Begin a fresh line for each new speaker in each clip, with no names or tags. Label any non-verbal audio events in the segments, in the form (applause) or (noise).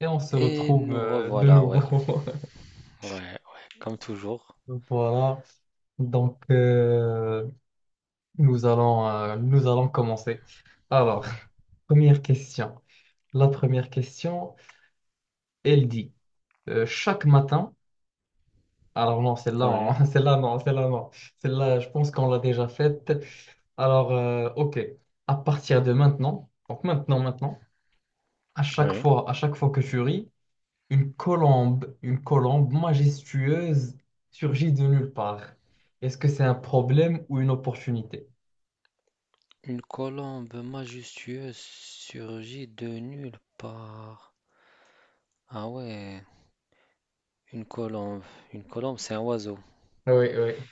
Et on se
Et
retrouve
nous
de
revoilà, ouais,
nouveau. (laughs)
ouais, ouais, comme toujours.
Voilà. Donc, euh, nous allons commencer. Alors, (laughs) première question. La première question, elle dit, chaque matin, alors non, celle-là,
Oui,
(laughs) celle-là, non, celle-là, non. Celle-là, je pense qu'on l'a déjà faite. Alors, OK. À partir de maintenant, maintenant,
oui.
à chaque fois que tu ris, une colombe, une colombe majestueuse surgit de nulle part. Est-ce que c'est un problème ou une opportunité?
Une colombe majestueuse surgit de nulle part. Ah ouais, une colombe, une colombe, c'est un oiseau.
Oui, oui,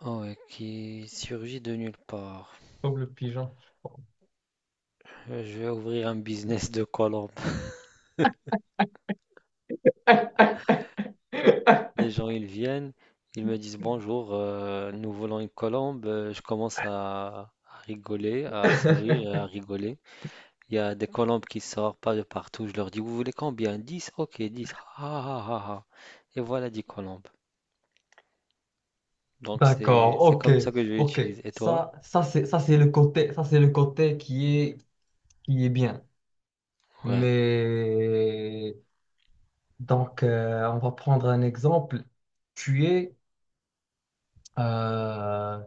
Oh, ouais, qui surgit de nulle part.
comme le pigeon, je crois.
Je vais ouvrir un business de colombe. Les gens, ils viennent, ils me disent bonjour, nous voulons une colombe. Je commence à rigoler, à sourire et à rigoler. Il y a des colombes qui sortent pas de partout. Je leur dis, vous voulez combien? 10. Ok, 10. Ah, ah, ah, ah. Et voilà 10 colombes.
(laughs)
Donc c'est
D'accord,
c'est
ok,
comme ça que je
ok.
l'utilise. Et toi?
Ça c'est le côté qui est bien.
Ouais.
Mais donc, on va prendre un exemple. Tu es, euh,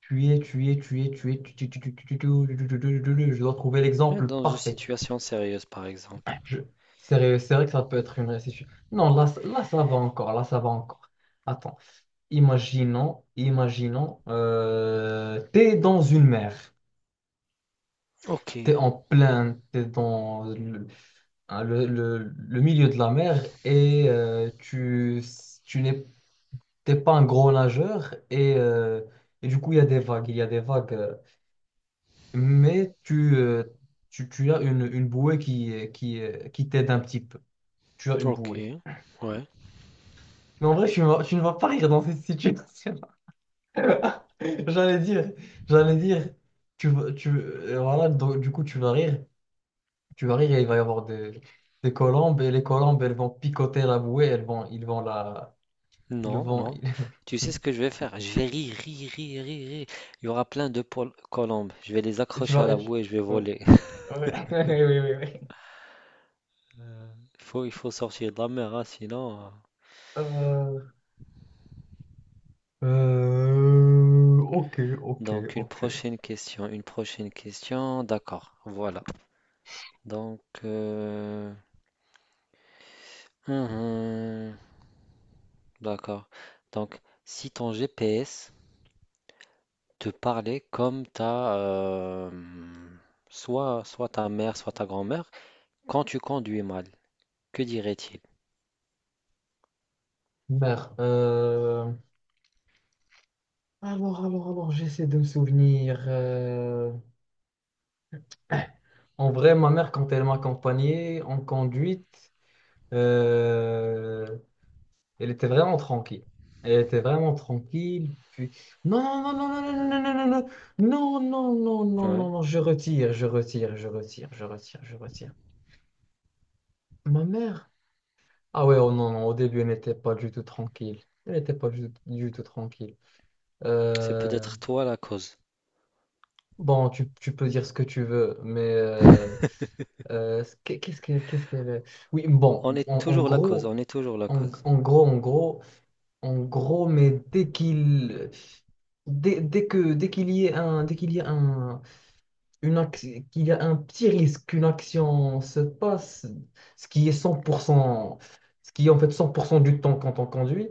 tu es, tu tu- tu- tu- tu- tu- tu- tu- tu- tu- tu- tu- tu- je dois trouver
Ouais,
l'exemple
dans une
parfait.
situation sérieuse, par exemple.
Je- c'est vrai que ça peut être une récession. Non, là, là, ça va encore, là, ça va encore. Attends, imaginons, t'es dans une mer,
Ok,
t'es dans le, hein, le milieu de la mer et tu n'es t'es pas un gros nageur et du coup, il y a des vagues. Mais tu as une bouée qui t'aide un petit peu. Tu as une bouée.
ok, ouais.
Mais en vrai, tu ne vas pas rire dans cette situation. (laughs) J'allais dire, j'allais dire, voilà, donc, du coup, tu vas rire. Tu vas rire et il va y avoir des colombes et les colombes, elles vont picoter la bouée, ils vont la, ils
Non,
vont, (laughs)
non. Tu sais ce que je vais faire? Je vais rire, rire, rire, rire, rire. Il y aura plein de colombes. Je vais les
et tu
accrocher à
vas,
la boue et je vais
oh,
voler. (laughs)
ouais, (laughs) oui, oui, oui, oui.
Il faut sortir de la mer, hein, sinon.
Euh, ok, ok,
Donc, une
ok.
prochaine question, une prochaine question. D'accord, voilà. Donc, hum, hum, d'accord. Donc, si ton GPS te parlait comme soit ta mère, soit ta grand-mère, quand tu conduis mal, que dirait-il?
Merde. Alors, j'essaie de me souvenir. En vrai, ma mère, quand elle m'accompagnait en conduite, euh, elle était vraiment tranquille. Elle était vraiment tranquille. Puis... Non, non, non, non, non, non, non, non, non, non, non, non, non,
Ouais,
non, non, je retire, je retire, je retire, je retire, je retire. Ma mère? Ah ouais, oh non, non, au début, elle n'était pas du tout tranquille. Elle n'était pas du tout tranquille.
c'est
Euh,
peut-être toi la cause.
Bon, tu peux dire ce que tu veux, mais... qu'est-ce que... Oui,
On
bon,
est
en
toujours la cause,
gros,
on est toujours la
en,
cause.
en gros, en gros, en gros, mais dès qu'il y a un, qu'il y a un petit risque qu'une action se passe, ce qui est 100% ce qui est en fait 100% du temps quand on conduit,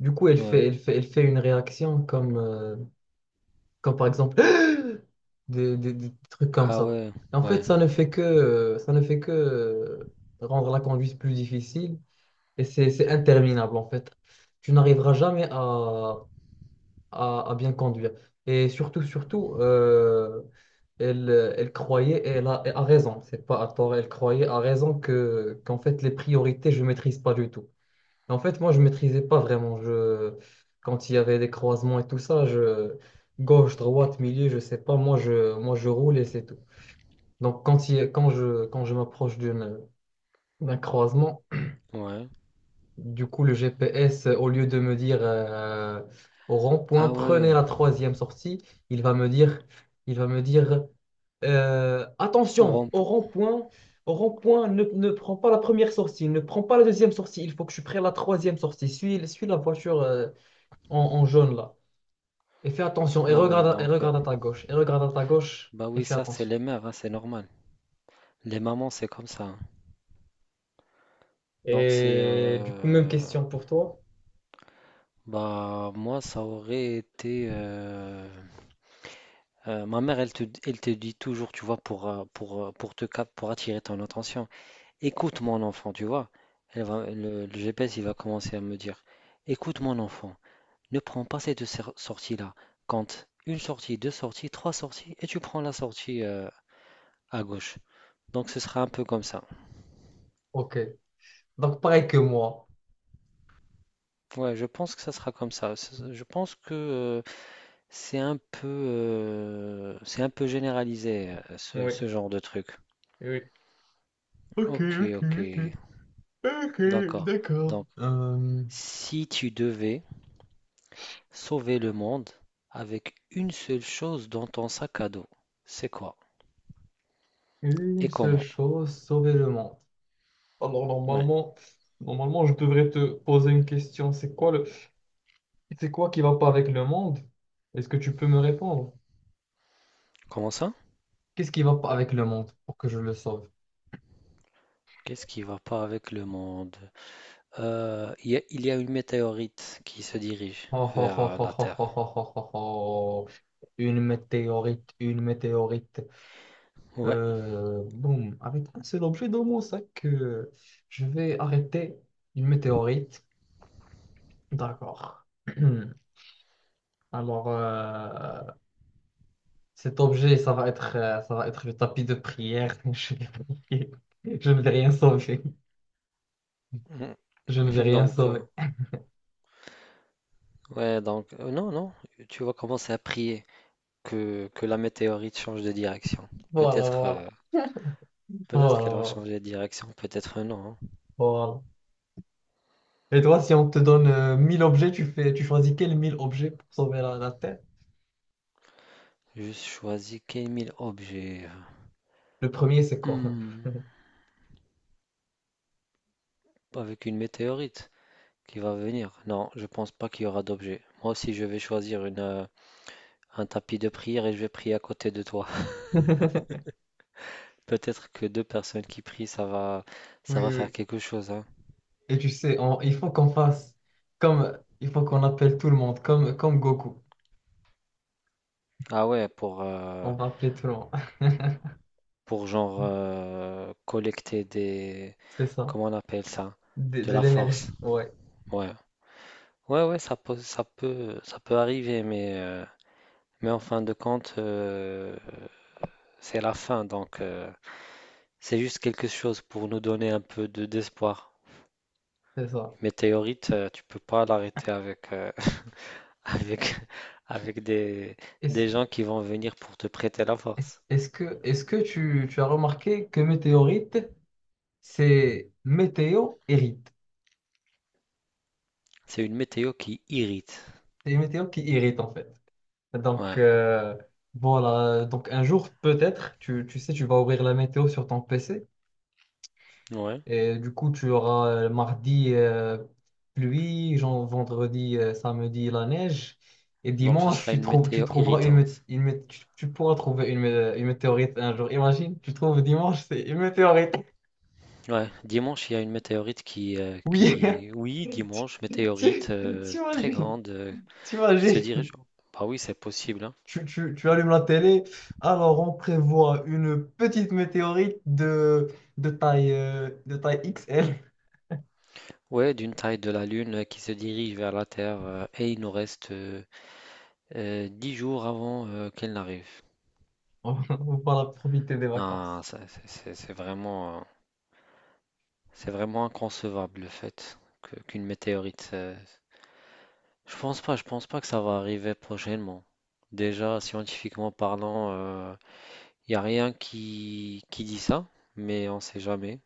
du coup,
Ouais.
elle fait une réaction comme, comme par exemple, (gasps) des, des trucs comme
Ah
ça.
ouais,
Et en fait,
ouais,
ça ne fait que rendre la conduite plus difficile et c'est interminable en fait. Tu n'arriveras jamais à, à bien conduire. Et surtout, surtout, elle, elle croyait, et elle a raison, c'est pas à tort, elle croyait à raison que, qu'en fait, les priorités, je maîtrise pas du tout. En fait, moi, je maîtrisais pas vraiment. Je... Quand il y avait des croisements et tout ça, je... gauche, droite, milieu, je sais pas. Moi, je roule et c'est tout. Donc, quand je m'approche d'une... d'un croisement,
ouais.
du coup, le GPS, au lieu de me dire au rond-point,
Ah
prenez
ouais.
la troisième sortie, il va me dire, il va me dire
on
attention, au
rempou-
rond-point. Au rond-point, ne prends pas la première sortie, ne prends pas la deuxième sortie. Il faut que je prenne la troisième sortie. Suis la voiture. En jaune là. Et fais attention.
Ah ouais,
Et
donc,
regarde à ta gauche. Et regarde à ta gauche.
bah
Et
oui,
fais
ça c'est
attention.
les mères, hein, c'est normal. Les mamans, c'est comme ça, hein. Donc c'est
Et du coup, même question pour toi.
bah moi ça aurait été ma mère elle te dit toujours tu vois pour te cap pour attirer ton attention. Écoute mon enfant, tu vois. Le GPS il va commencer à me dire, écoute mon enfant, ne prends pas ces deux sorties là, compte une sortie, deux sorties, trois sorties, et tu prends la sortie à gauche. Donc ce sera un peu comme ça.
Ok. Donc, pareil que moi.
Ouais, je pense que ça sera comme ça. Je pense que c'est un peu, c'est un peu généralisé, ce,
Oui,
ce genre de truc.
oui. Ok,
Ok,
ok,
ok,
ok. Ok,
d'accord.
d'accord.
Donc, si tu devais sauver le monde avec une seule chose dans ton sac à dos, c'est quoi? Et
Une seule
comment?
chose, sauver le monde. Alors,
Ouais.
normalement, normalement, je devrais te poser une question. C'est quoi qui va pas avec le monde? Est-ce que tu peux me répondre?
Comment ça?
Qu'est-ce qui va pas avec le monde pour que je le sauve?
Qu'est-ce qui va pas avec le monde? Il y a une météorite qui se dirige
Oh, oh,
vers
oh,
la
oh, oh,
Terre.
oh, oh, oh, oh, oh. Une météorite, une météorite.
Ouais.
Boum, avec un seul objet dans mon sac, je vais arrêter une météorite. D'accord. (clears throat) Alors, cet objet, ça va être le tapis de prière. (laughs) Je vais prier. Je ne vais rien sauver. Je ne vais
(laughs)
rien
Donc,
sauver.
ouais, donc, non, non, tu vas commencer à prier que la météorite change de direction.
Voilà,
Peut-être
voilà, voilà,
peut-être qu'elle va
voilà,
changer de direction, peut-être non, hein.
voilà. Et toi, si on te donne 1000 objets, tu choisis quels 1000 objets pour sauver la la Terre?
Je choisis quel 1000 objets.
Le premier, c'est quoi?
Hmm, avec une météorite qui va venir. Non, je pense pas qu'il y aura d'objets. Moi aussi, je vais choisir un tapis de prière et je vais prier à côté de toi. (laughs)
(laughs)
Peut-être que deux personnes qui prient, ça va
Oui,
faire
oui.
quelque chose, hein.
Et tu sais, il faut qu'on fasse comme, il faut qu'on appelle tout le monde, comme Goku.
Ah ouais,
On va appeler tout le monde. (laughs)
pour genre collecter des...
C'est ça.
Comment on appelle ça? De
De
la force.
l'énergie. Ouais,
Ouais. Ouais, ouais, ça peut arriver, mais en fin de compte, c'est la fin, donc c'est juste quelque chose pour nous donner un peu de d'espoir.
c'est ça.
Météorite, tu peux pas l'arrêter avec, (laughs) avec, avec des
Est-ce,
gens qui vont venir pour te prêter la force.
est-ce que tu as remarqué que météorite, c'est météo hérite.
C'est une météo qui irrite.
C'est météo qui irrite en fait. Donc
Ouais,
voilà. Donc un jour, peut-être, tu sais, tu vas ouvrir la météo sur ton PC.
ouais.
Et du coup, tu auras mardi pluie, genre vendredi, samedi la neige. Et
Donc ce
dimanche,
sera une
tu
météo
trouveras une,
irritante.
tu pourras trouver une, une météorite un jour. Imagine, tu trouves dimanche, c'est une météorite. (laughs)
Ouais, dimanche, il y a une météorite qui, euh,
Oui, (laughs)
qui... Oui,
Tu-
dimanche,
tu-
météorite très
t'imagines,
grande, qui se
t'imagines.
dirige? Bah oui, c'est possible, hein.
Tu allumes la télé, alors on prévoit une petite météorite de, de taille XL.
Ouais, d'une taille de la Lune qui se dirige vers la Terre et il nous reste 10 jours avant qu'elle n'arrive.
(laughs) On va pouvoir profiter des vacances.
Non, c'est vraiment inconcevable le fait qu'une météorite. Je pense pas, je pense pas que ça va arriver prochainement. Déjà, scientifiquement parlant, il n'y a rien qui dit ça, mais on sait jamais.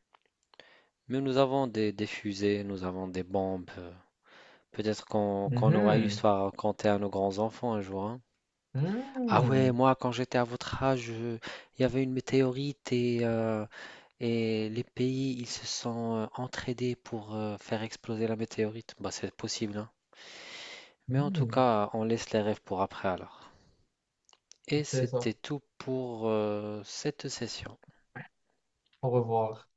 Mais nous avons des fusées, nous avons des bombes. Peut-être qu'on aura une
Mhm.
histoire à raconter à nos grands-enfants un jour, hein. Ah ouais,
Hmm,
moi, quand j'étais à votre âge, il y avait une météorite et les pays, ils se sont entraidés pour faire exploser la météorite. Bah, c'est possible, hein. Mais en tout
hmm,
cas, on laisse les rêves pour après alors. Et
c'est ça.
c'était tout pour cette session.
Au revoir.